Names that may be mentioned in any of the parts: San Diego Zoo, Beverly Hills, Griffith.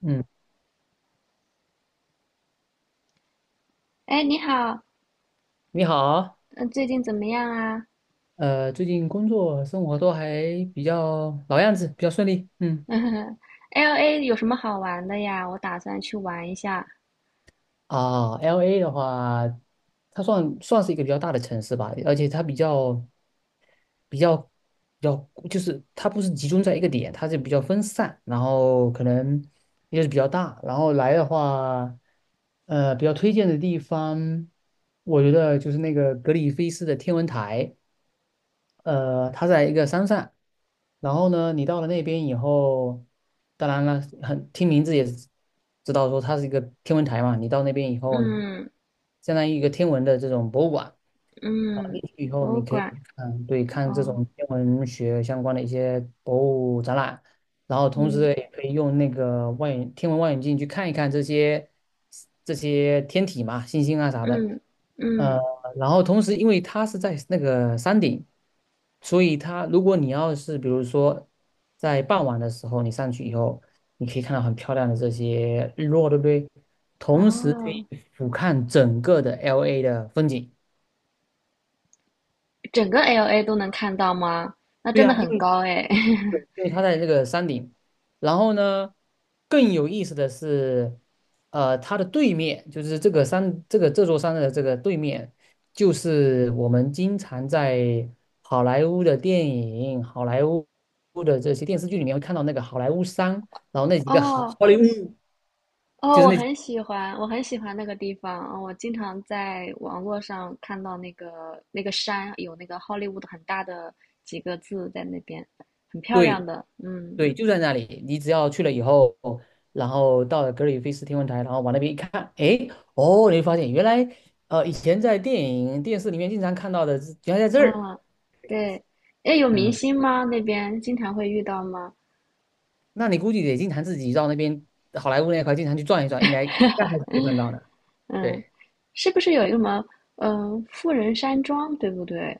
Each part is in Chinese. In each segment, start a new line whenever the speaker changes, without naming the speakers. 嗯，
哎，你好，
你好，
嗯，最近怎么样啊
最近工作生活都还比较老样子，比较顺利。嗯，
？LA 有什么好玩的呀？我打算去玩一下。
啊，LA 的话，它算是一个比较大的城市吧，而且它比较比较，就是它不是集中在一个点，它是比较分散，然后可能也是比较大。然后来的话，比较推荐的地方，我觉得就是那个格里菲斯的天文台。它在一个山上，然后呢，你到了那边以后，当然了，很听名字也知道说它是一个天文台嘛。你到那边以后，你
嗯
相当于一个天文的这种博物馆啊，
嗯，
进去以后
博物
你可以
馆，
去看，对，看这
哦，
种天文学相关的一些博物展览，然后同
嗯
时也可以用那个望远天文望远镜去看一看这些天体嘛，星星啊啥的。
嗯
呃，
嗯，
然后同时，因为它是在那个山顶，所以它如果你要是比如说在傍晚的时候你上去以后，你可以看到很漂亮的这些日落，对不对？同时可以
哦，
俯瞰整个的 LA 的风景。
整个 LA 都能看到吗？那
对
真的
呀，因
很
为
高哎。
对，因为它在这个山顶。然后呢，更有意思的是，它的对面就是这个山，这座山的这个对面，就是我们经常在好莱坞的电影、好莱坞的这些电视剧里面会看到那个好莱坞山，然后那几个好好
哦
莱坞，就
哦，
是
我
那几
很喜欢，我很喜欢那个地方。哦我经常在网络上看到那个那个山有那个好莱坞的很大的几个字在那边，很漂亮
对。
的。嗯。
对，就在那里。你只要去了以后，然后到了格里菲斯天文台，然后往那边一看，哎，哦，你会发现原来，以前在电影、电视里面经常看到的，原来在这儿。
嗯，对，哎，有明
嗯，
星吗？那边经常会遇到吗？
那你估计得经常自己到那边好莱坞那块经常去转一转，应该还是 会看到的。
嗯，
对，
是不是有一个什么，富人山庄，对不对？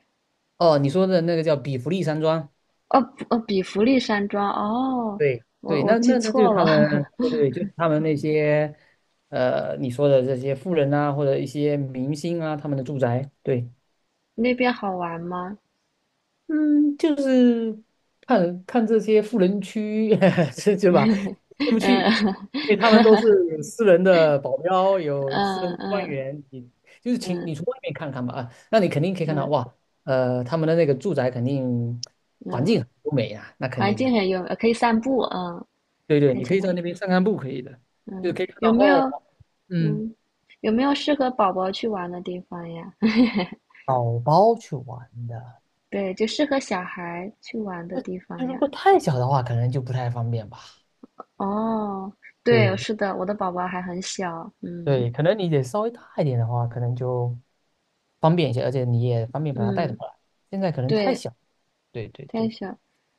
哦，你说的那个叫比弗利山庄。
哦，不哦，比弗利山庄，哦，
对对，
我
那
记
那那就是
错
他
了，
们，对对，就是他们那些，你说的这些富人啊，或者一些明星啊，他们的住宅。对。
那边好玩吗？
嗯，就是看看这些富人区，是 是吧？
嗯
进不去，因
嗯
为他们都是有私人的保镖，有私人官
嗯
员，你就是请
嗯
你从外面看看吧啊，那你肯定可以看到
嗯
哇，他们的那个住宅肯定环
嗯，
境很优美啊，那肯
环
定
境
的，
很优，可以散步，嗯，
对对，
可以
你可
去
以
那，
在那边散散步，可以的，就
嗯，
可以看到哦，嗯，
嗯，有没有适合宝宝去玩的地方呀？
宝宝去玩的，
对，就适合小孩去玩的地
那
方
如
呀。
果太小的话，可能就不太方便吧。
哦，对，
对，
是的，我的宝宝还很小，嗯
对，可能你得稍微大一点的话，可能就方便一些，而且你也方便把它带回
嗯，
来。现在可能太
对，
小。对对
太
对，
小。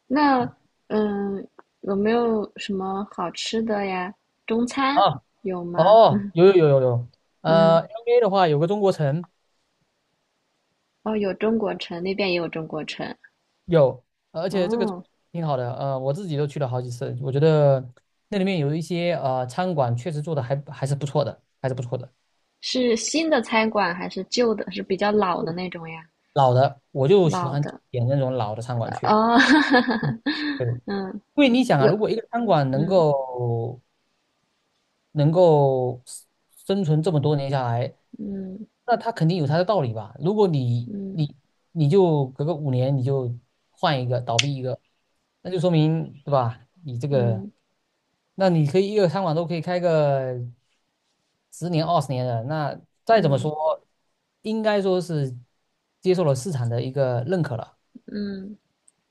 那
嗯
嗯，有没有什么好吃的呀？中餐
啊
有吗？
哦，有有有有有，
嗯，
LA 的话有个中国城
哦，有中国城，那边也有中国城。
有，而且这个
哦，
挺好的，我自己都去了好几次，我觉得那里面有一些餐馆确实做的还是不错的，还是不错的。
是新的餐馆还是旧的？是比较老的那种呀？
老的我就喜
老
欢
的，
点那种老的餐馆去。
哦，
嗯，对，因
嗯，
为你想啊，
有，
如果一个餐馆能
嗯
够能够 s- 生存这么多年下来，
嗯
那他肯定有他的道理吧？如果你
嗯
你你就隔个5年你就换一个倒闭一个，那就说明对吧？你这个，
嗯
那你可以一个餐馆都可以开个10年20年的，那再怎么
嗯
说，应该说是接受了市场的一个认可了。
嗯，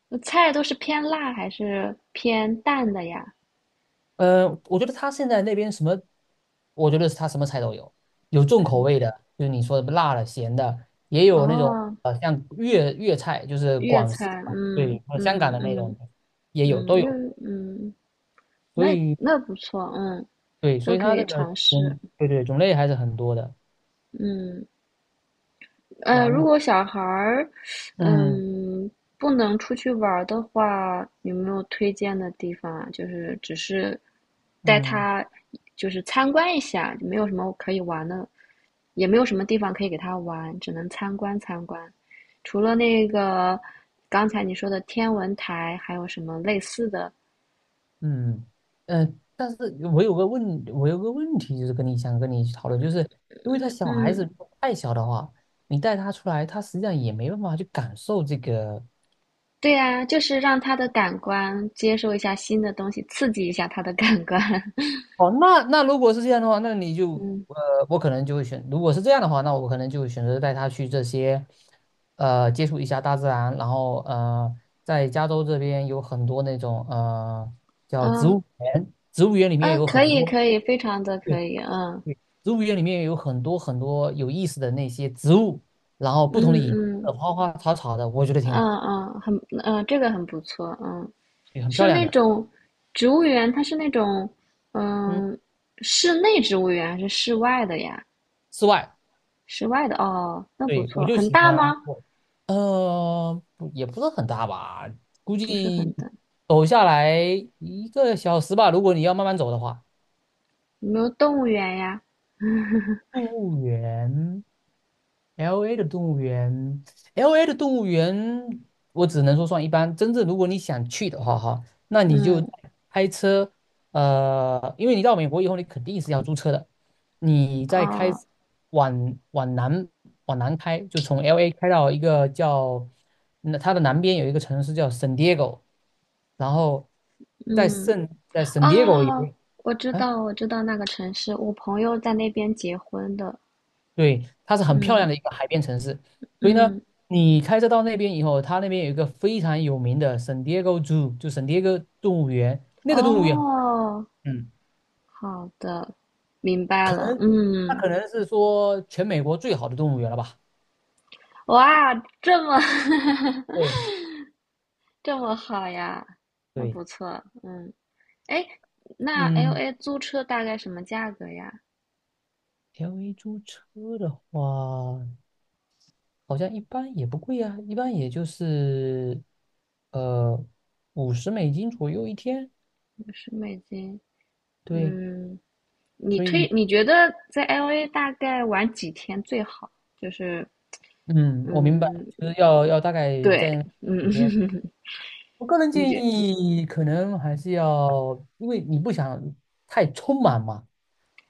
那菜都是偏辣还是偏淡的呀？
我觉得他现在那边什么，我觉得他什么菜都有，有重口味的，就是你说的辣的、咸的，也有那种
哦，
像粤菜，就是
粤
广式
菜，
嘛，
嗯
对，和香港
嗯
的那
嗯
种也有
嗯，
都有，
嗯，
所
那
以
那不错，嗯，
对，所
都
以
可
它
以
这个
尝试，
种对对，种类还是很多的。
嗯。如
然
果小孩儿，
嗯
嗯，不能出去玩儿的话，有没有推荐的地方啊？就是只是带
嗯。
他，就是参观一下，没有什么可以玩的，也没有什么地方可以给他玩，只能参观参观。除了那个刚才你说的天文台，还有什么类似的？
嗯，呃，但是我有个问题，就是想跟你去讨论，就是因为他小孩
嗯，
子太小的话，你带他出来，他实际上也没办法去感受这个。
对呀，就是让他的感官接受一下新的东西，刺激一下他的感官。
哦，那如果是这样的话，那你就
嗯
呃，我可能就会选，如果是这样的话，那我可能就会选择带他去这些，接触一下大自然，然后在加州这边有很多那种叫
啊，
植
嗯
物园，植物园里面
嗯，
有
可
很
以
多。
可以，非常的可
对。
以，嗯
对，植物园里面有很多很多有意思的那些植物，然后
嗯
不同的颜
嗯
色，花花草草的，我觉得挺好，
嗯嗯，这个很不错，嗯，
也很
是
漂亮
那
的。
种植物园，它是那种
嗯，
嗯室内植物园还是室外的呀？
室外，
室外的哦，那不
对，我
错，
就
很
喜
大
欢
吗？
我，呃，不也不是很大吧，估
不是很
计
大，
走下来一个小时吧，如果你要慢慢走的话。
有没有动物园呀？
动物园，LA 的动物园，LA 的动物园，我只能说算一般。真正如果你想去的话，哈，那你就
嗯
开车，因为你到美国以后，你肯定是要租车的。你再开
啊
往往南往南开，就从 LA 开到一个叫那它的南边有一个城市叫 San Diego，然后在
嗯
圣在 San Diego
哦，
有。
我知
啊
道我知道那个城市，我朋友在那边结婚的，
对，它是很漂
嗯
亮的一个海边城市，所以呢，
嗯
你开车到那边以后，它那边有一个非常有名的 San Diego Zoo，就 San Diego 动物园，那个动物园，
哦。
嗯，
好的，明白了。
它
嗯，
可能是说全美国最好的动物园了吧？
哇，这么
对
这么好呀，那
对，
不错。嗯，哎，那
嗯
LA 租车大概什么价格呀？
，LA 租车的话，好像一般也不贵啊，一般也就是呃50美金左右一天，
50美金。
对，
嗯，
所以
你觉得在 LA 大概玩几天最好？就是
嗯，我明白，
嗯，
就是要大概
对，
在几
嗯，
天。我个人
你
建
觉
议可能还是要，因为你不想太匆忙嘛，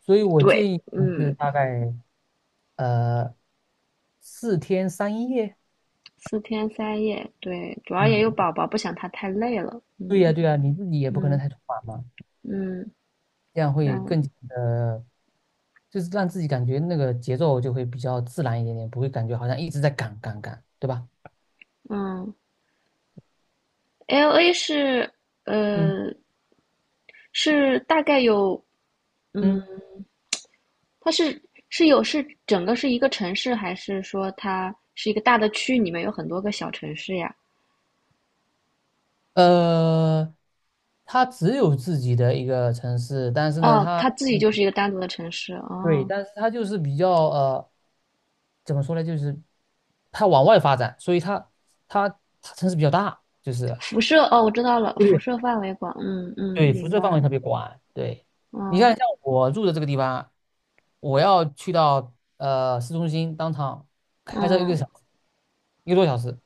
所以我
对，
建议
嗯，
是大概呃4天3夜。
4天3夜，对，主要也有
嗯，
宝宝，不想他太累了。
对呀
嗯
对呀，你自己也不可能
嗯
太匆忙嘛，
嗯，
这样会
然后
更加的，就是让自己感觉那个节奏就会比较自然一点点，不会感觉好像一直在赶赶赶，对吧？
嗯。LA
嗯
呃是大概有嗯，
嗯，
它是有是整个是一个城市，还是说它是一个大的区，里面有很多个小城市呀？
呃，它只有自己的一个城市，但是呢，
哦，它自己就是一个单独的城市
对，
哦。
但是它就是比较。怎么说呢，就是它往外发展，所以它它城市比较大，就是
辐射哦，我知道了，辐
对
射范围广，嗯嗯，
对，辐
明
射
白
范围
了，
特别广。对，你
嗯
看像我住的这个地方，我要去到市中心当场开车一个
嗯。
小时，一个多小时。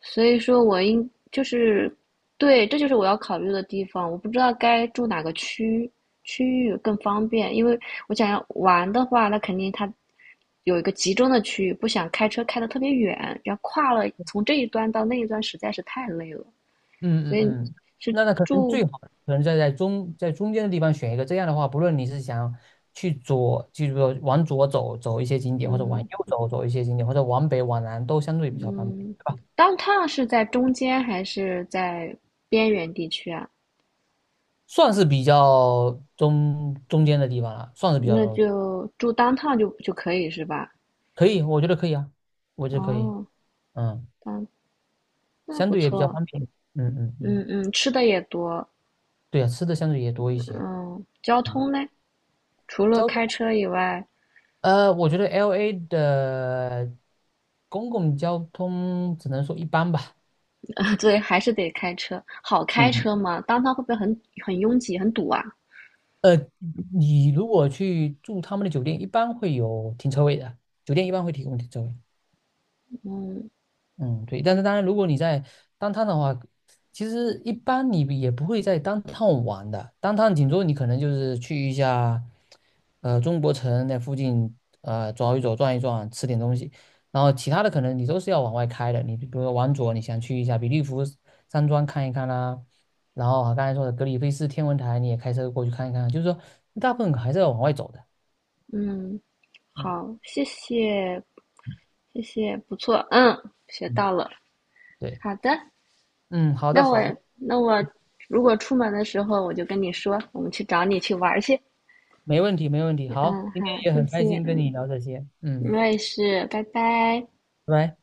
所以说就是，对，这就是我要考虑的地方。我不知道该住哪个区域更方便，因为我想要玩的话，那肯定它有一个集中的区域，不想开车开得特别远，要跨了从这一端到那一端实在是太累了。
嗯
所
嗯
以
嗯，
是
那可能
住，
最好可能在中间的地方选一个，这样的话，不论你是想去左，就是说往左走走一些景点，或者往右
嗯
走走一些景点，或者往北往南，都相对比较方便。
嗯
对吧？
当趟是在中间还是在边缘地区啊？
算是比较中间的地方了，算是比较
那
中间，
就住当趟就可以是吧？
可以，我觉得可以啊，我觉得可以，
哦，
嗯，
当那
相
不
对也比较
错。
方便，嗯嗯嗯，
嗯嗯，吃的也多。
对啊，吃的相对也多一些，
嗯，交
嗯，
通呢？除了
交通，
开车以外，
我觉得 LA 的公共交通只能说一般吧，
对，还是得开车。好开
嗯，
车吗？当他会不会很拥挤、很堵啊？
呃，你如果去住他们的酒店，一般会有停车位的，酒店一般会提供停车位，
嗯
嗯，对，但是当然，如果你在当趟的话，其实一般你也不会在当趟玩的。当趟顶多你可能就是去一下，中国城那附近，走一走，转一转，吃点东西。然后其他的可能你都是要往外开的。你比如说往左，你想去一下比利福山庄看一看啦、然后啊刚才说的格里菲斯天文台，你也开车过去看一看。就是说，大部分还是要往外走的。
嗯，
嗯
好，谢谢谢谢，不错，嗯，学
嗯，
到了。
对，
好的，
嗯，好
那
的
我
好的。
那我如果出门的时候，我就跟你说，我们去找你去玩儿去。
没问题，没问题。好，
嗯，
今天
好，
也
谢
很开
谢，
心跟你聊这些，
我
嗯，
也是，拜拜。
拜拜。